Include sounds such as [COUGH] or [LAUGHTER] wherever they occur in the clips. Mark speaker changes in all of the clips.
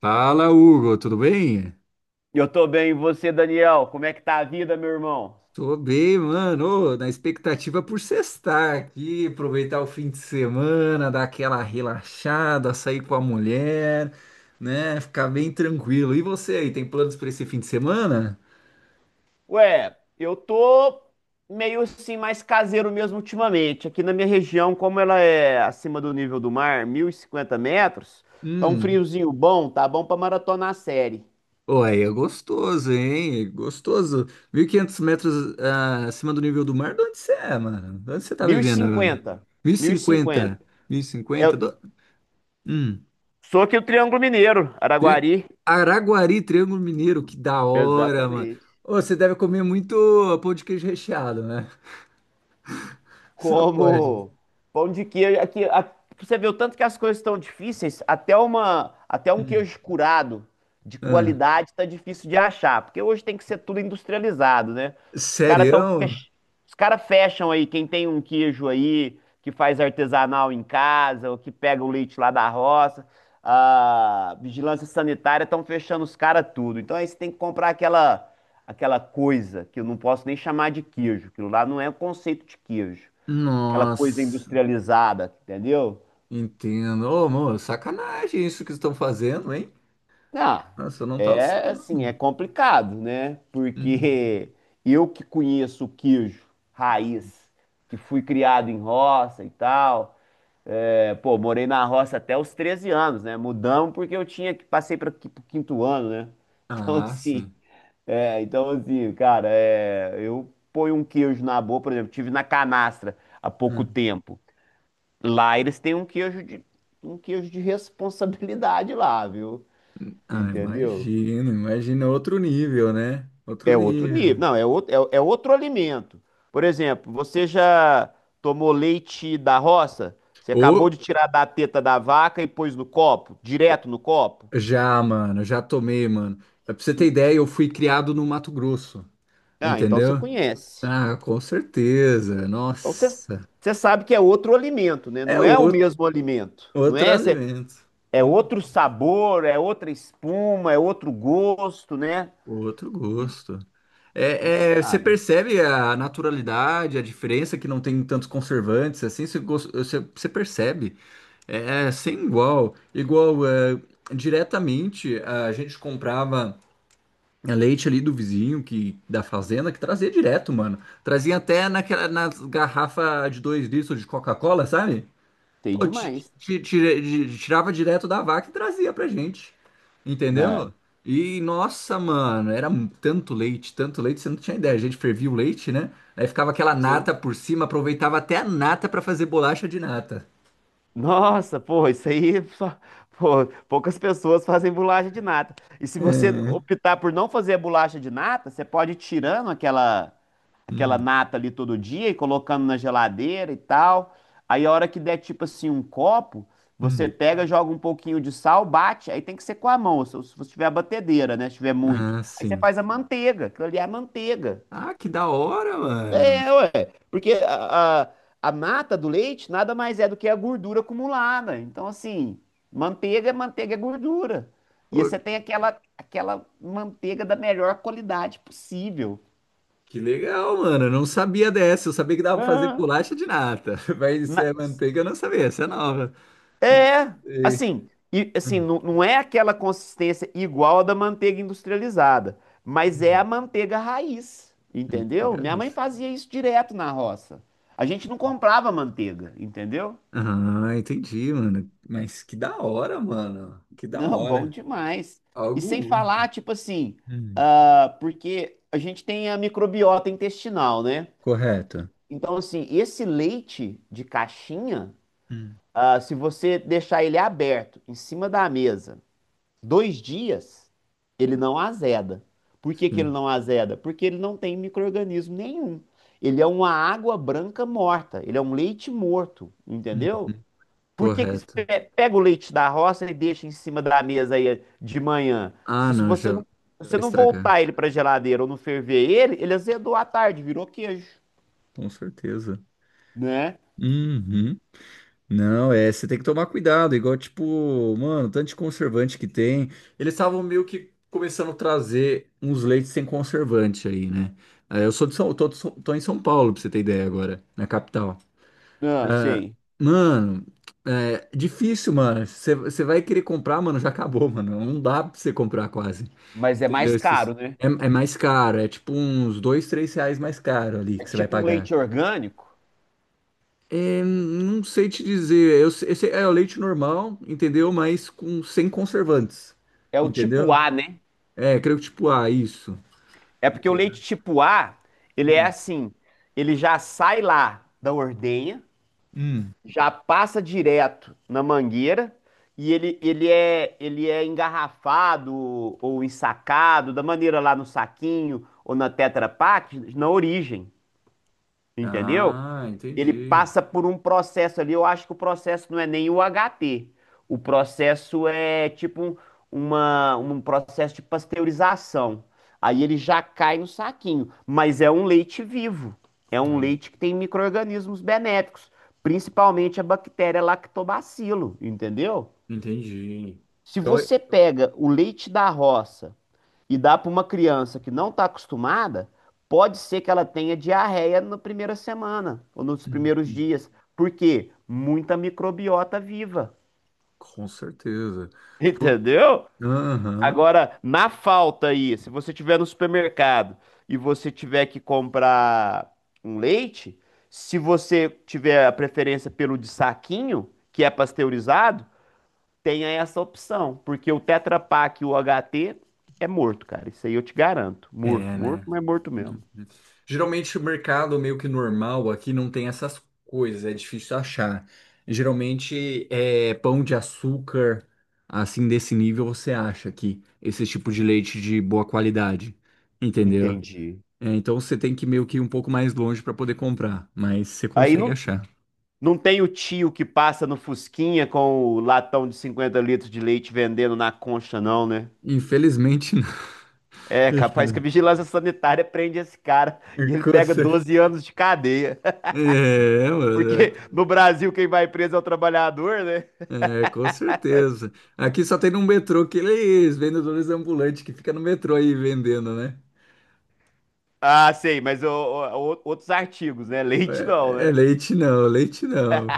Speaker 1: Fala, Hugo, tudo bem?
Speaker 2: Eu tô bem, e você, Daniel? Como é que tá a vida, meu irmão?
Speaker 1: Tô bem, mano. Ô, na expectativa por sextar aqui, aproveitar o fim de semana, dar aquela relaxada, sair com a mulher, né? Ficar bem tranquilo. E você aí, tem planos para esse fim de semana?
Speaker 2: Eu tô meio assim, mais caseiro mesmo ultimamente. Aqui na minha região, como ela é acima do nível do mar, 1.050 metros, tá um
Speaker 1: Hum.
Speaker 2: friozinho bom, tá bom pra maratonar a série.
Speaker 1: Ô, aí é gostoso, hein? É gostoso. 1.500 metros acima do nível do mar, de onde você é, mano? De onde você tá vivendo agora?
Speaker 2: 1.050,
Speaker 1: 1.050?
Speaker 2: 1.050.
Speaker 1: 1.050?
Speaker 2: Eu
Speaker 1: Hum.
Speaker 2: sou aqui do Triângulo Mineiro,
Speaker 1: Tri-
Speaker 2: Araguari.
Speaker 1: Araguari, Triângulo Mineiro, que da hora, mano.
Speaker 2: Exatamente.
Speaker 1: Ô, você deve comer muito pão de queijo recheado, né? [LAUGHS] Só pode.
Speaker 2: Como pão de queijo. Você vê o tanto que as coisas estão difíceis, até um
Speaker 1: Hum.
Speaker 2: queijo curado de
Speaker 1: Ah,
Speaker 2: qualidade está difícil de achar, porque hoje tem que ser tudo industrializado, né? Os caras tão,
Speaker 1: sério?
Speaker 2: fech- os cara fecham aí, quem tem um queijo aí que faz artesanal em casa ou que pega o leite lá da roça, a vigilância sanitária estão fechando os caras tudo. Então aí você tem que comprar aquela coisa que eu não posso nem chamar de queijo, aquilo lá não é um conceito de queijo, aquela coisa
Speaker 1: Nossa,
Speaker 2: industrializada, entendeu?
Speaker 1: entendo. Ô, amor, sacanagem isso que estão fazendo, hein?
Speaker 2: Não,
Speaker 1: Nossa, eu não tava
Speaker 2: é assim, é
Speaker 1: sabendo.
Speaker 2: complicado, né?
Speaker 1: Hum.
Speaker 2: Porque eu que conheço o queijo raiz, que fui criado em roça e tal, é, pô, morei na roça até os 13 anos, né? Mudamos porque eu tinha que passei para o quinto ano, né? [LAUGHS] Então
Speaker 1: Ah,
Speaker 2: assim,
Speaker 1: sim.
Speaker 2: então assim, cara, é, eu ponho um queijo na boca, por exemplo, tive na canastra há pouco
Speaker 1: Ah.
Speaker 2: tempo. Lá eles têm um queijo de responsabilidade lá, viu?
Speaker 1: Ah,
Speaker 2: Entendeu?
Speaker 1: imagino, imagina outro nível, né? Outro
Speaker 2: É outro
Speaker 1: nível.
Speaker 2: nível. Não, é outro, é outro alimento. Por exemplo, você já tomou leite da roça? Você acabou
Speaker 1: Ô,
Speaker 2: de tirar da teta da vaca e pôs no copo?
Speaker 1: ô,
Speaker 2: Direto no copo?
Speaker 1: já, mano, já tomei, mano. Pra você ter ideia, eu fui criado no Mato Grosso.
Speaker 2: Ah, então você
Speaker 1: Entendeu?
Speaker 2: conhece.
Speaker 1: Ah, com certeza.
Speaker 2: Então você,
Speaker 1: Nossa.
Speaker 2: você sabe que é outro alimento, né?
Speaker 1: É
Speaker 2: Não é o
Speaker 1: outro,
Speaker 2: mesmo alimento. Não
Speaker 1: outro
Speaker 2: é?
Speaker 1: alimento.
Speaker 2: É
Speaker 1: Hum,
Speaker 2: outro sabor, é outra espuma, é outro gosto, né?
Speaker 1: outro gosto.
Speaker 2: Então você
Speaker 1: É, é, você
Speaker 2: sabe.
Speaker 1: percebe a naturalidade, a diferença que não tem tantos conservantes, assim, você, você, você percebe. É, é sem igual. Igual, é, diretamente, a gente comprava leite ali do vizinho, que da fazenda, que trazia direto, mano. Trazia até naquela, nas garrafas de 2 litros de Coca-Cola, sabe?
Speaker 2: Sei
Speaker 1: Pô,
Speaker 2: demais.
Speaker 1: ti- tire- tirava direto da vaca e trazia pra gente. Entendeu?
Speaker 2: Né?
Speaker 1: E nossa, mano, era tanto leite, você não tinha ideia. A gente fervia o leite, né? Aí ficava aquela
Speaker 2: Sim.
Speaker 1: nata por cima, aproveitava até a nata pra fazer bolacha de nata.
Speaker 2: Nossa, pô, pô, poucas pessoas fazem bolacha de nata. E se você
Speaker 1: É.
Speaker 2: optar por não fazer a bolacha de nata, você pode ir tirando aquela
Speaker 1: Hum,
Speaker 2: nata ali todo dia e colocando na geladeira e tal. Aí a hora que der tipo assim um copo, você
Speaker 1: hum.
Speaker 2: pega, joga um pouquinho de sal, bate. Aí tem que ser com a mão, se você tiver a batedeira, né? Se tiver muito.
Speaker 1: Ah,
Speaker 2: Aí você
Speaker 1: sim.
Speaker 2: faz a manteiga, aquilo ali é a manteiga.
Speaker 1: Ah, que da hora,
Speaker 2: É,
Speaker 1: mano.
Speaker 2: é, ué, porque a mata do leite nada mais é do que a gordura acumulada. Então, assim, manteiga é gordura. E
Speaker 1: Pô,
Speaker 2: você tem aquela manteiga da melhor qualidade possível.
Speaker 1: que legal, mano. Eu não sabia dessa. Eu sabia que dava pra fazer
Speaker 2: Ah,
Speaker 1: bolacha de nata. [LAUGHS] Mas isso é
Speaker 2: mas-
Speaker 1: manteiga, eu não sabia. Essa é nova.
Speaker 2: é,
Speaker 1: Sei. Hum,
Speaker 2: não é aquela consistência igual a da manteiga industrializada, mas é a
Speaker 1: hum.
Speaker 2: manteiga raiz, entendeu?
Speaker 1: Manteiga,
Speaker 2: Minha mãe fazia isso direto na roça. A gente não comprava manteiga, entendeu?
Speaker 1: ah, entendi, mano. Mas que da hora, mano. Que da
Speaker 2: Não, bom
Speaker 1: hora.
Speaker 2: demais. E
Speaker 1: Algo
Speaker 2: sem
Speaker 1: único.
Speaker 2: falar, tipo assim,
Speaker 1: Hum,
Speaker 2: ah, porque a gente tem a microbiota intestinal, né?
Speaker 1: correto.
Speaker 2: Então, assim, esse leite de caixinha,
Speaker 1: Hum,
Speaker 2: ah, se você deixar ele aberto em cima da mesa 2 dias, ele não azeda. Por que que ele
Speaker 1: Sim,
Speaker 2: não azeda? Porque ele não tem micro-organismo nenhum. Ele é uma água branca morta, ele é um leite morto, entendeu?
Speaker 1: uhum,
Speaker 2: Por que
Speaker 1: correto.
Speaker 2: pega o leite da roça e deixa em cima da mesa aí de manhã?
Speaker 1: Ah, não, já
Speaker 2: Se
Speaker 1: vai
Speaker 2: você não
Speaker 1: estragar.
Speaker 2: voltar ele para geladeira ou não ferver ele, ele azedou à tarde, virou queijo,
Speaker 1: Com certeza.
Speaker 2: né?
Speaker 1: Uhum. Não, é, você tem que tomar cuidado, igual, tipo, mano, tanto de conservante que tem. Eles estavam meio que começando a trazer uns leites sem conservante aí, né? Ah, eu sou de São, tô, de tô em São Paulo, pra você ter ideia agora, na capital.
Speaker 2: Não, sei.
Speaker 1: Mano, é difícil, mano. Você vai querer comprar, mano, já acabou, mano. Não dá pra você comprar quase.
Speaker 2: Mas é
Speaker 1: Entendeu?
Speaker 2: mais caro, né?
Speaker 1: É, é mais caro, é tipo uns dois, três reais mais caro ali
Speaker 2: É
Speaker 1: que você vai
Speaker 2: tipo um
Speaker 1: pagar.
Speaker 2: leite orgânico,
Speaker 1: É, não sei te dizer. É o leite normal, entendeu? Mas com sem conservantes.
Speaker 2: é o tipo
Speaker 1: Entendeu?
Speaker 2: A, né?
Speaker 1: É, creio que tipo, ah, isso.
Speaker 2: É porque o
Speaker 1: Entendeu?
Speaker 2: leite tipo A, ele é
Speaker 1: Hum.
Speaker 2: assim, ele já sai lá da ordenha,
Speaker 1: Hum.
Speaker 2: já passa direto na mangueira e ele é engarrafado ou ensacado da maneira lá no saquinho ou na Tetra Pak na origem, entendeu?
Speaker 1: Ah,
Speaker 2: Ele
Speaker 1: entendi.
Speaker 2: passa por um processo ali. Eu acho que o processo não é nem o HT. O processo é tipo um, uma, um processo de pasteurização. Aí ele já cai no saquinho. Mas é um leite vivo. É um
Speaker 1: Olha.
Speaker 2: leite que tem micro-organismos benéficos, principalmente a bactéria lactobacilo, entendeu?
Speaker 1: Entendi.
Speaker 2: Se
Speaker 1: Então, é-
Speaker 2: você pega o leite da roça e dá para uma criança que não está acostumada, pode ser que ela tenha diarreia na primeira semana ou nos
Speaker 1: hum,
Speaker 2: primeiros
Speaker 1: hum,
Speaker 2: dias. Por quê? Muita microbiota viva.
Speaker 1: com certeza.
Speaker 2: [LAUGHS] Entendeu?
Speaker 1: Aham,
Speaker 2: Agora, na falta aí, se você tiver no supermercado e você tiver que comprar um leite, se você tiver a preferência pelo de saquinho, que é pasteurizado, tenha essa opção, porque o Tetra Pak e o HT é morto, cara. Isso aí eu te garanto.
Speaker 1: é,
Speaker 2: Morto, morto,
Speaker 1: né?
Speaker 2: mas morto mesmo.
Speaker 1: Uhum. Geralmente o mercado meio que normal aqui não tem essas coisas, é difícil achar. Geralmente é pão de açúcar, assim desse nível você acha aqui, esse tipo de leite de boa qualidade, entendeu?
Speaker 2: Entendi.
Speaker 1: É, então você tem que meio que ir um pouco mais longe para poder comprar, mas você
Speaker 2: Aí
Speaker 1: consegue
Speaker 2: não,
Speaker 1: achar.
Speaker 2: não tem o tio que passa no Fusquinha com o latão de 50 litros de leite vendendo na concha, não, né?
Speaker 1: Infelizmente não.
Speaker 2: É capaz que a
Speaker 1: [LAUGHS]
Speaker 2: vigilância sanitária prende esse cara e ele
Speaker 1: Com
Speaker 2: pega
Speaker 1: certeza.
Speaker 2: 12 anos de cadeia.
Speaker 1: É,
Speaker 2: [LAUGHS]
Speaker 1: mano,
Speaker 2: Porque no Brasil quem vai preso é o trabalhador, né?
Speaker 1: é, com certeza. Aqui só tem no metrô aqueles vendedores ambulantes que fica no metrô aí vendendo, né?
Speaker 2: Ah, sei, mas outros artigos, né? Leite não,
Speaker 1: É, é
Speaker 2: né?
Speaker 1: leite não, leite não.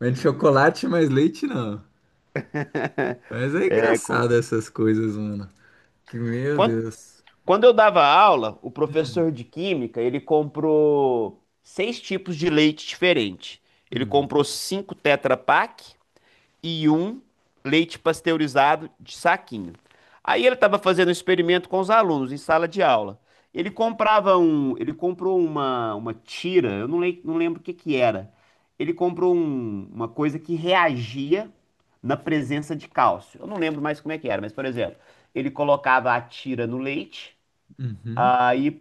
Speaker 1: Vende chocolate, mas leite não.
Speaker 2: [LAUGHS]
Speaker 1: Mas é
Speaker 2: É, com...
Speaker 1: engraçado essas coisas, mano. Que meu
Speaker 2: Quanto
Speaker 1: Deus.
Speaker 2: Quando eu dava aula, o professor de química, ele comprou 6 tipos de leite diferentes. Ele
Speaker 1: Hum,
Speaker 2: comprou 5 Tetra Pak e um leite pasteurizado de saquinho. Aí ele estava fazendo um experimento com os alunos em sala de aula. Ele comprava um, ele comprou uma tira, eu não, lem- não lembro o que que era. Ele comprou uma coisa que reagia na presença de cálcio. Eu não lembro mais como é que era, mas por exemplo, ele colocava a tira no leite.
Speaker 1: uhum,
Speaker 2: Aí,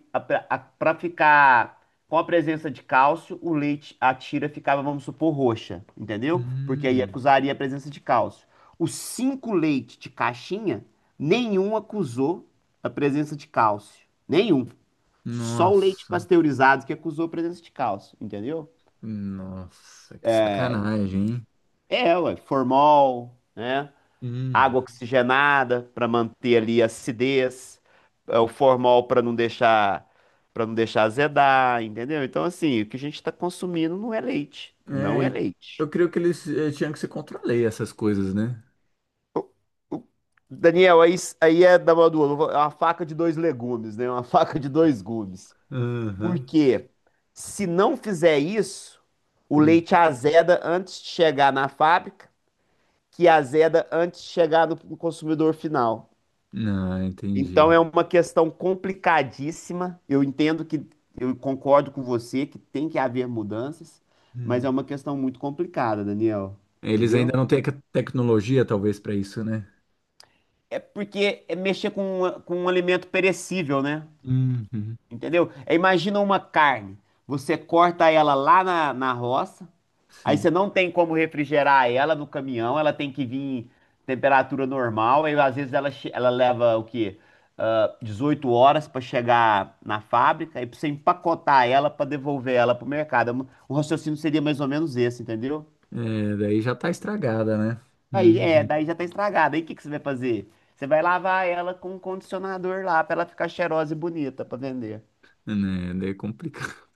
Speaker 2: para ficar com a presença de cálcio, o leite, a tira ficava, vamos supor, roxa, entendeu? Porque aí
Speaker 1: hum.
Speaker 2: acusaria a presença de cálcio. Os 5 leites de caixinha, nenhum acusou a presença de cálcio. Nenhum. Só o leite
Speaker 1: Nossa,
Speaker 2: pasteurizado que acusou a presença de cálcio, entendeu?
Speaker 1: nossa, que sacanagem, hein?
Speaker 2: É, ué, formol, né?
Speaker 1: Hum.
Speaker 2: Água oxigenada para manter ali a acidez, é, o formol para não deixar azedar, entendeu? Então assim, o que a gente está consumindo não é leite, não
Speaker 1: É,
Speaker 2: é
Speaker 1: e
Speaker 2: leite.
Speaker 1: eu creio que eles tinham que se controlar essas coisas, né?
Speaker 2: O- o- Daniel, aí é da mão do ovo, é uma faca de dois legumes, né? É uma [LAUGHS] faca de dois gumes.
Speaker 1: Aham.
Speaker 2: Porque se não fizer isso, o
Speaker 1: Hum.
Speaker 2: leite azeda antes de chegar na fábrica, que azeda antes de chegar no consumidor final.
Speaker 1: Não,
Speaker 2: Então
Speaker 1: entendi.
Speaker 2: é uma questão complicadíssima. Eu entendo que eu concordo com você que tem que haver mudanças, mas é
Speaker 1: Hum.
Speaker 2: uma questão muito complicada, Daniel.
Speaker 1: Eles ainda
Speaker 2: Entendeu?
Speaker 1: não têm a tecnologia, talvez, para isso, né?
Speaker 2: É porque é mexer com, com um alimento perecível, né?
Speaker 1: Uhum,
Speaker 2: Entendeu? É, imagina uma carne. Você corta ela lá na roça. Aí
Speaker 1: sim.
Speaker 2: você não tem como refrigerar ela no caminhão, ela tem que vir em temperatura normal. Aí às vezes ela leva o quê? Ah, 18 horas para chegar na fábrica e pra você empacotar ela para devolver ela pro mercado. O raciocínio seria mais ou menos esse, entendeu?
Speaker 1: É, daí já tá estragada, né?
Speaker 2: Aí é,
Speaker 1: Uhum.
Speaker 2: daí já tá estragada. Aí o que que você vai fazer? Você vai lavar ela com um condicionador lá para ela ficar cheirosa e bonita para vender.
Speaker 1: Né, daí é complicado.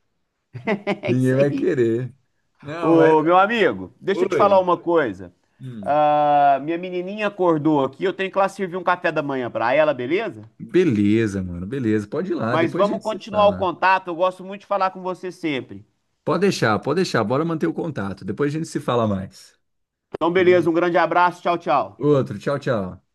Speaker 1: [LAUGHS]
Speaker 2: [LAUGHS] É isso
Speaker 1: Ninguém vai
Speaker 2: aí.
Speaker 1: querer. Não, mas.
Speaker 2: Ô, meu amigo, deixa eu te falar
Speaker 1: Oi.
Speaker 2: uma coisa.
Speaker 1: Hum.
Speaker 2: Ah, minha menininha acordou aqui, eu tenho que lá servir um café da manhã pra ela, beleza?
Speaker 1: Beleza, mano, beleza. Pode ir lá,
Speaker 2: Mas
Speaker 1: depois a
Speaker 2: vamos
Speaker 1: gente se
Speaker 2: continuar o
Speaker 1: fala.
Speaker 2: contato, eu gosto muito de falar com você sempre.
Speaker 1: Pode deixar, pode deixar. Bora manter o contato. Depois a gente se fala mais.
Speaker 2: Então,
Speaker 1: Beleza?
Speaker 2: beleza, um grande abraço, tchau, tchau.
Speaker 1: Outro, tchau, tchau.